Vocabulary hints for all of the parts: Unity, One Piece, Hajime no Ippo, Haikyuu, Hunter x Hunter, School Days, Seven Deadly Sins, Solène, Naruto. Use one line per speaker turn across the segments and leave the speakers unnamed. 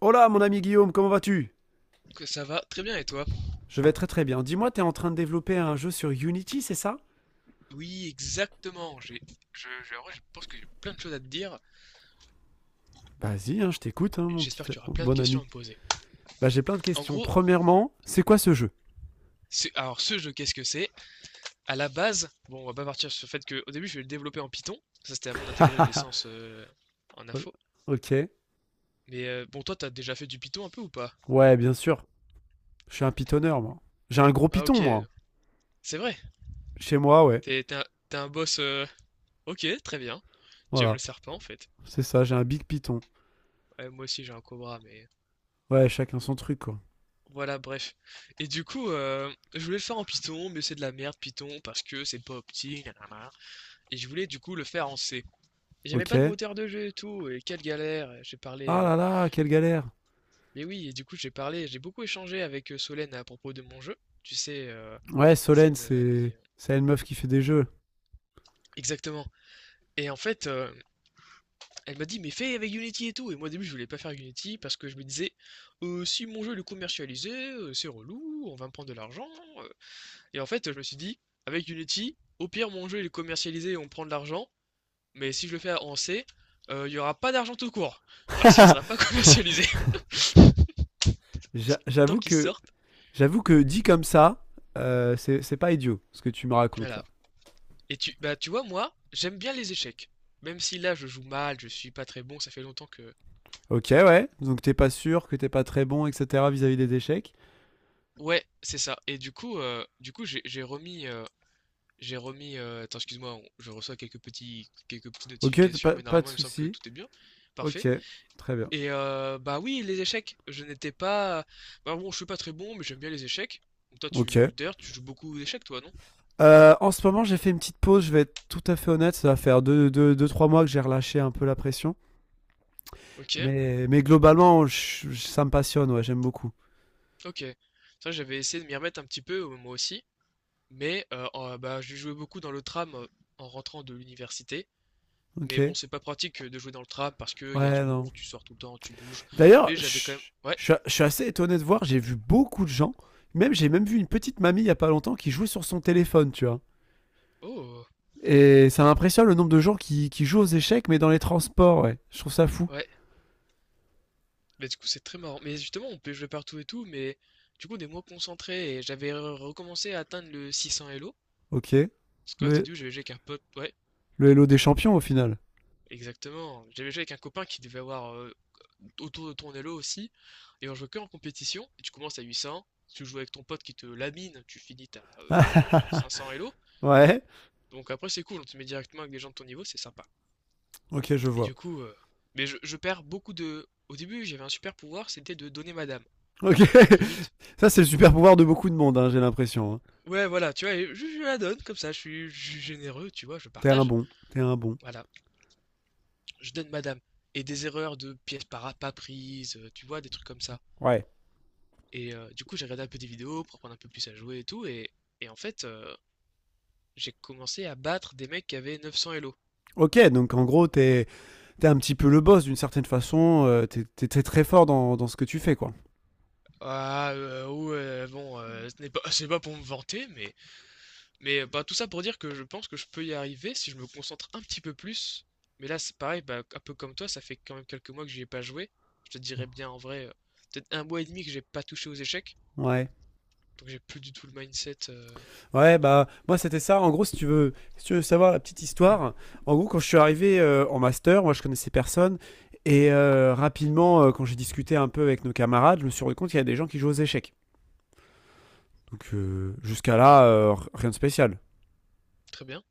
Hola mon ami Guillaume, comment vas-tu?
Que ça va très bien et toi?
Je vais très très bien. Dis-moi, t'es en train de développer un jeu sur Unity, c'est ça?
Oui, exactement. En vrai, je pense que j'ai plein de choses à te dire.
Vas-y, hein, je t'écoute, hein, mon petit
J'espère que tu auras
mon
plein de
bon
questions
ami.
à me poser.
Bah j'ai plein de
En
questions.
gros,
Premièrement, c'est quoi ce jeu?
alors ce jeu, qu'est-ce que c'est? À la base, bon, on va pas partir sur le fait que au début, je vais le développer en Python. Ça, c'était avant d'intégrer la licence en
O-
info.
Ok.
Mais bon, toi, t'as déjà fait du Python un peu ou pas?
Ouais, bien sûr. Je suis un pitonneur, moi. J'ai un gros
Ah,
piton,
ok,
moi.
c'est vrai.
Chez moi, ouais.
T'es, t'es un, t'es un boss. Ok, très bien. Tu aimes le
Voilà.
serpent en fait.
C'est ça, j'ai un big piton.
Ouais, moi aussi, j'ai un cobra, mais.
Ouais, chacun son truc, quoi.
Voilà, bref. Et du coup, je voulais le faire en Python, mais c'est de la merde Python parce que c'est pas opti, nanana. Et je voulais du coup le faire en C. Et j'avais
Ok.
pas de
Ah
moteur de jeu et tout, et quelle galère.
là là, quelle galère.
Mais oui, et du coup j'ai beaucoup échangé avec Solène à propos de mon jeu. Tu sais,
Ouais,
c'est
Solène,
une amie.
c'est... C'est une meuf qui fait des jeux.
Exactement. Et en fait, elle m'a dit, mais fais avec Unity et tout. Et moi au début je voulais pas faire Unity parce que je me disais, si mon jeu il est commercialisé, c'est relou, on va me prendre de l'argent. euh, Et en fait, je me suis dit, avec Unity, au pire, mon jeu il est commercialisé et on prend de l'argent, mais si je le fais en C, il n'y aura pas d'argent tout court, parce qu'il ne sera pas commercialisé tant
J'avoue
qu'il
que
sorte.
j'avoue que dit comme ça, c'est pas idiot ce que tu me racontes
Voilà.
là.
Et bah, tu vois, moi, j'aime bien les échecs. Même si là, je joue mal, je suis pas très bon, ça fait longtemps que.
Ok, ouais. Donc t'es pas sûr que t'es pas très bon, etc. vis-à-vis des échecs.
Ouais, c'est ça. Et du coup, j'ai remis. Attends, excuse-moi, je reçois quelques petites
Ok,
notifications,
pas,
mais
pas de
normalement, il me semble que
souci.
tout est bien, parfait.
Ok, très bien.
Et bah oui, les échecs. Je n'étais pas. Bah bon, je suis pas très bon, mais j'aime bien les échecs. Donc toi,
Ok.
tu d'ailleurs, tu joues beaucoup aux échecs, toi, non?
En ce moment, j'ai fait une petite pause. Je vais être tout à fait honnête. Ça va faire deux, trois mois que j'ai relâché un peu la pression.
Ok,
Mais globalement, ça me passionne. Ouais, j'aime beaucoup.
ok. Ça, j'avais essayé de m'y remettre un petit peu, moi aussi. Mais bah, je jouais beaucoup dans le tram en rentrant de l'université.
Ok.
Mais bon, c'est pas pratique de jouer dans le tram parce que y a du
Ouais, non.
monde, tu sors tout le temps, tu bouges.
D'ailleurs,
Mais j'avais quand même. Ouais.
je suis assez étonné de voir. J'ai vu beaucoup de gens. Même, j'ai même vu une petite mamie il y a pas longtemps qui jouait sur son téléphone, tu vois.
Oh.
Et ça m'impressionne le nombre de gens qui jouent aux échecs, mais dans les transports, ouais. Je trouve ça fou.
Ouais. Mais du coup, c'est très marrant. Mais justement, on peut jouer partout et tout, mais du coup, on est moins concentré. Et j'avais recommencé à atteindre le 600 Elo.
Ok.
Parce que Squat
Le,
audio, j'avais joué avec un pote, ouais,
le Hello des champions, au final.
exactement. J'avais joué avec un copain qui devait avoir autour de ton elo aussi, et on jouait que en compétition, et tu commences à 800, tu joues avec ton pote qui te lamine, tu finis à 500 elo,
ouais.
donc après c'est cool, on te met directement avec des gens de ton niveau, c'est sympa.
Ok, je
Et
vois.
du coup, mais je perds beaucoup de... Au début, j'avais un super pouvoir, c'était de donner ma dame,
Ok.
très vite.
Ça, c'est le super pouvoir de beaucoup de monde, hein, j'ai l'impression. Hein.
Ouais, voilà, tu vois, et je la donne comme ça, je suis généreux, tu vois, je
T'es un
partage.
bon. T'es un bon.
Voilà, je donne ma dame. Et des erreurs de pièces pas prises, tu vois, des trucs comme ça.
Ouais.
Et du coup, j'ai regardé un peu des vidéos pour apprendre un peu plus à jouer et tout. Et en fait, j'ai commencé à battre des mecs qui avaient 900 Elo.
Ok, donc en gros, t'es un petit peu le boss d'une certaine façon. T'es t'es très fort dans, dans ce que tu fais, quoi.
Ah, ouais, bon, ce n'est pas, c'est pas pour me vanter, mais bah, tout ça pour dire que je pense que je peux y arriver si je me concentre un petit peu plus. Mais là, c'est pareil, bah, un peu comme toi, ça fait quand même quelques mois que j'y ai pas joué. Je te dirais bien en vrai, peut-être un mois et demi que j'ai pas touché aux échecs.
Ouais.
Donc j'ai plus du tout le mindset.
Ouais, bah, moi, c'était ça. En gros, si tu veux, si tu veux savoir la petite histoire, en gros, quand je suis arrivé en master, moi, je connaissais personne. Et rapidement, quand j'ai discuté un peu avec nos camarades, je me suis rendu compte qu'il y a des gens qui jouent aux échecs. Donc, jusqu'à là, rien de spécial.
Très bien.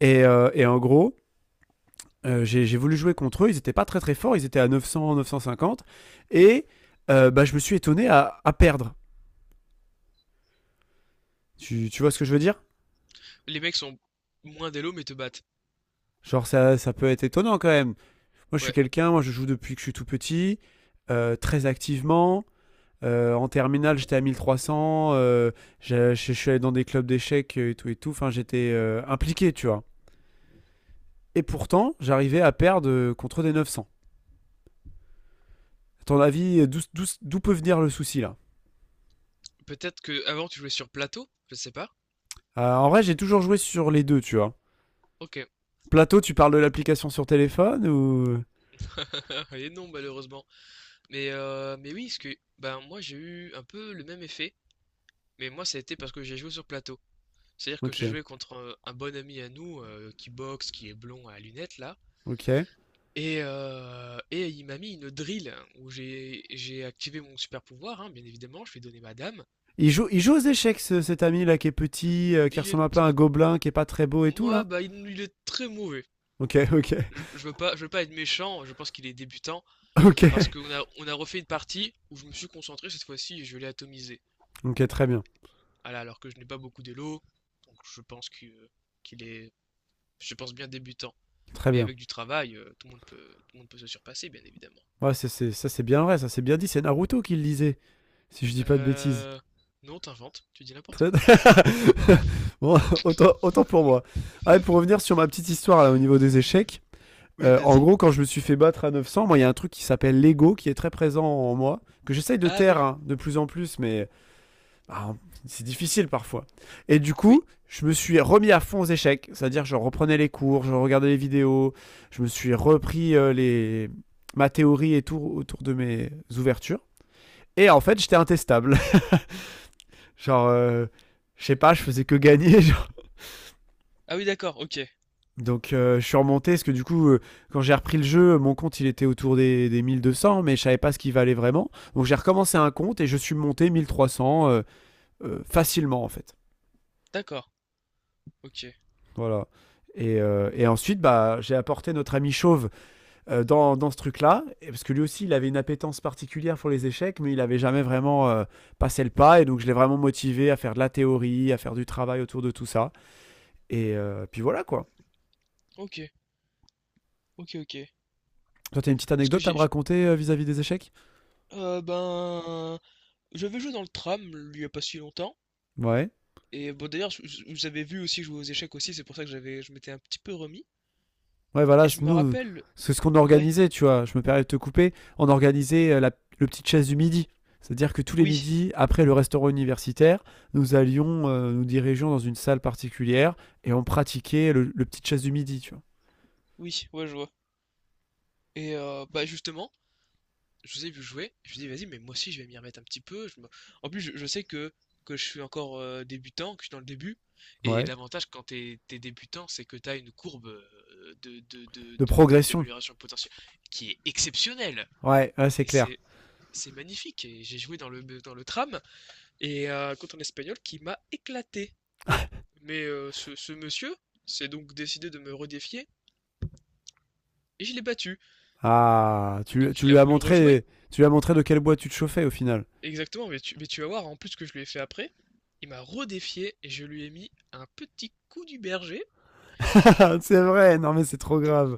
Et en gros, j'ai voulu jouer contre eux. Ils étaient pas très très forts. Ils étaient à 900, 950. Et bah, je me suis étonné à perdre. Tu vois ce que je veux dire?
Les mecs sont moins d'élo mais te battent.
Genre, ça peut être étonnant quand même. Moi, je suis
Ouais,
quelqu'un, moi, je joue depuis que je suis tout petit, très activement. En terminale, j'étais à 1300. Je, je suis allé dans des clubs d'échecs et tout et tout. Enfin, j'étais impliqué, tu vois. Et pourtant, j'arrivais à perdre contre des 900. À ton avis, d'où peut venir le souci là?
peut-être que avant tu jouais sur plateau, je sais pas.
En vrai, j'ai toujours joué sur les deux, tu vois.
Ok.
Plateau, tu parles de l'application sur téléphone ou?
Et non, malheureusement. Mais oui, parce que ben, moi j'ai eu un peu le même effet, mais moi ça a été parce que j'ai joué sur plateau. C'est-à-dire que j'ai
Ok,
joué contre un bon ami à nous qui boxe, qui est blond à lunettes là,
ok.
et il m'a mis une drill hein, où j'ai activé mon super pouvoir, hein, bien évidemment, je lui ai donné ma dame.
Il joue aux échecs, cet ami là qui est petit, qui
Il
ressemble
est,
un peu
t-
à un gobelin, qui est pas très beau et tout
ouais,
là.
bah, il est très mauvais.
Ok, ok,
Je veux pas être méchant, je pense qu'il est débutant,
ok.
parce qu'on a refait une partie où je me suis concentré cette fois-ci et je l'ai atomisé.
Ok, très bien,
Voilà, alors que je n'ai pas beaucoup d'élo, donc je pense qu'il est, je pense bien débutant.
très
Mais
bien.
avec du travail, tout le monde peut se surpasser, bien évidemment.
Ouais, ça c'est bien vrai, ça c'est bien dit, c'est Naruto qui le disait, si je dis pas de bêtises.
Euh... Non, t'inventes, tu dis n'importe
Très-
quoi.
bon, autant, autant pour moi. Ah, et pour revenir sur ma petite histoire là, au niveau des échecs,
Oui,
en
vas-y.
gros, quand je me suis fait battre à 900, moi il y a un truc qui s'appelle l'ego qui est très présent en moi, que j'essaye de
Ah
taire
oui,
hein, de plus en plus, mais bah, c'est difficile parfois. Et du coup,
oui.
je me suis remis à fond aux échecs, c'est-à-dire je reprenais les cours, je regardais les vidéos, je me suis repris les... ma théorie et tout autour de mes ouvertures. Et en fait, j'étais intestable. Genre, je sais pas, je faisais que gagner. Genre.
Ah oui, d'accord, ok.
Donc, je suis remonté parce que du coup, quand j'ai repris le jeu, mon compte il était autour des 1200, mais je savais pas ce qu'il valait vraiment. Donc, j'ai recommencé un compte et je suis monté 1300 facilement en fait.
D'accord, ok.
Voilà. Et ensuite, bah, j'ai apporté notre ami Chauve dans, dans ce truc-là, et- parce que lui aussi, il avait une appétence particulière pour les échecs, mais il n'avait jamais vraiment passé le pas, et donc je l'ai vraiment motivé à faire de la théorie, à faire du travail autour de tout ça. Et puis voilà, quoi.
Ok, ok, ok.
Toi, t'as une petite
Parce que
anecdote à
j'ai...
me
j'-.
raconter vis-à-vis des échecs?
Ben... J'avais joué dans le tram, il y a pas si longtemps.
Ouais.
Et bon, d'ailleurs, vous avez vu aussi jouer aux échecs aussi, c'est pour ça que je m'étais un petit peu remis.
Ouais, voilà,
Et je me
nous,
rappelle...
c'est ce qu'on
Ouais,
organisait, tu vois. Je me permets de te couper. On organisait la, le petite chasse du midi. C'est-à-dire que tous les
oui,
midis, après le restaurant universitaire, nous allions, nous dirigeons dans une salle particulière et on pratiquait le petite chasse du midi, tu
oui, ouais, je vois. Et bah justement, je vous ai vu jouer, je me suis vas-y, mais moi aussi je vais m'y remettre un petit peu. En plus, je sais que je suis encore débutant, que je suis dans le début.
vois.
Et
Ouais.
l'avantage quand t'es débutant, c'est que t'as une courbe
De progression.
d'amélioration potentielle qui est exceptionnelle.
Ouais, ouais, c'est
Et
clair.
c'est magnifique. Et j'ai joué dans le tram et contre un espagnol qui m'a éclaté. Mais ce monsieur s'est donc décidé de me redéfier et je l'ai battu.
Ah,
Donc
tu
il a
lui as
voulu rejouer.
montré, tu lui as montré de quel bois tu te chauffais au final.
Exactement, mais tu vas voir, en plus que je lui ai fait après, il m'a redéfié et je lui ai mis un petit coup du berger.
C'est vrai, non mais c'est trop grave.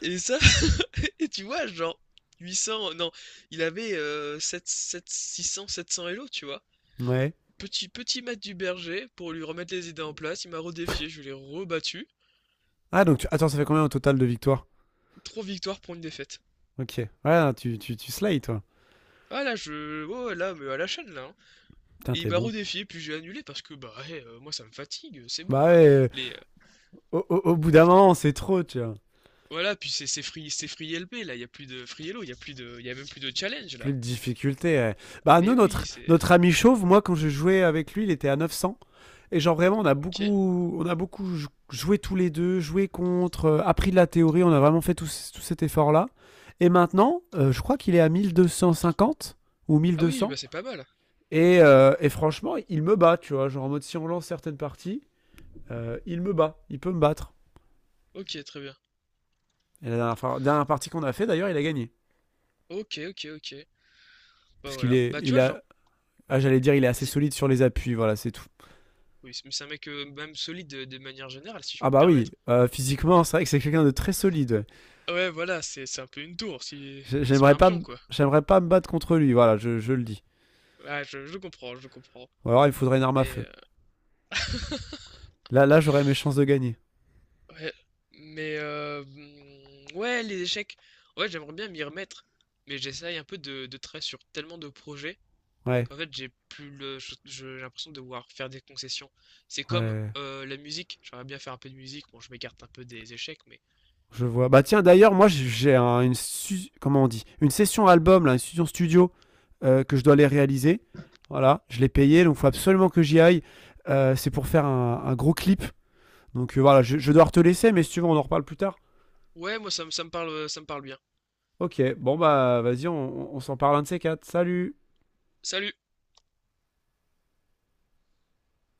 Et ça, et tu vois, genre 800, non, il avait 7, 7, 600, 700 Elo, tu vois.
Ouais.
Petit, petit mat du berger pour lui remettre les idées en place. Il m'a redéfié, je l'ai rebattu.
Ah donc attends, ça fait combien au total de victoires?
Trois victoires pour une défaite.
Ok. Ouais, tu slides, toi.
Ah là, je. Oh là, mais à la chaîne là, hein.
Putain,
Et il
t'es
m'a
bon.
redéfié, puis j'ai annulé parce que bah, ouais, moi ça me fatigue, c'est
Bah
bon. Ouais.
ouais.
Les, euh,
Au bout d'un moment, c'est trop, tu vois.
Voilà, puis c'est free, c'est free, LB là, il y a plus de free hello, il y a même plus de challenge
Plus
là.
de difficulté. Bah, nous,
Mais oui,
notre,
c'est
notre ami chauve, moi, quand je jouais avec lui, il était à 900. Et genre, vraiment, on a
ok.
beaucoup, joué tous les deux, joué contre, appris de la théorie, on a vraiment fait tout, tout cet effort-là. Et maintenant, je crois qu'il est à 1250 ou
Ah oui,
1200.
bah c'est pas mal.
Et franchement, il me bat, tu vois. Genre, en mode, si on lance certaines parties, il me bat, il peut me battre.
Ok, très bien.
Et la dernière partie qu'on a fait, d'ailleurs, il a gagné.
Ok, ok, ok. Bah
Parce qu'
voilà. Bah tu
il
vois, genre,
a, ah, j'allais dire, il est assez
vas-y.
solide sur les appuis, voilà, c'est tout.
Oui, mais c'est un mec même solide de manière générale, si je
Ah
peux me
bah oui,
permettre.
physiquement, c'est vrai que c'est quelqu'un de très solide. Ouais.
Ah ouais, voilà, c'est un peu une tour, si c'est
J'aimerais
pas un
pas,
pion quoi.
j'aimerais pas me battre contre lui, voilà, je le dis.
Ouais, je comprends, je comprends.
Ou alors, il me faudrait une arme à
Mais
feu.
euh,
Là, là, j'aurais mes chances de gagner.
ouais, ouais, les échecs. Ouais, j'aimerais bien m'y remettre, mais j'essaye un peu de travailler sur tellement de projets.
Ouais,
Qu'en fait j'ai plus le je- j'ai l'impression de devoir faire des concessions. C'est comme
ouais,
la musique, j'aimerais bien faire un peu de musique, bon je m'écarte un peu des échecs, mais
je vois. Bah tiens, d'ailleurs, moi, une, comment on dit, une session album, là, une session studio que je dois aller réaliser. Voilà, je l'ai payé, donc faut absolument que j'y aille. C'est pour faire un gros clip. Donc voilà, je dois te laisser, mais si tu veux, on en reparle plus tard.
ouais, moi ça me parle bien.
Ok, bon bah vas-y, on s'en parle un de ces quatre. Salut!
Salut.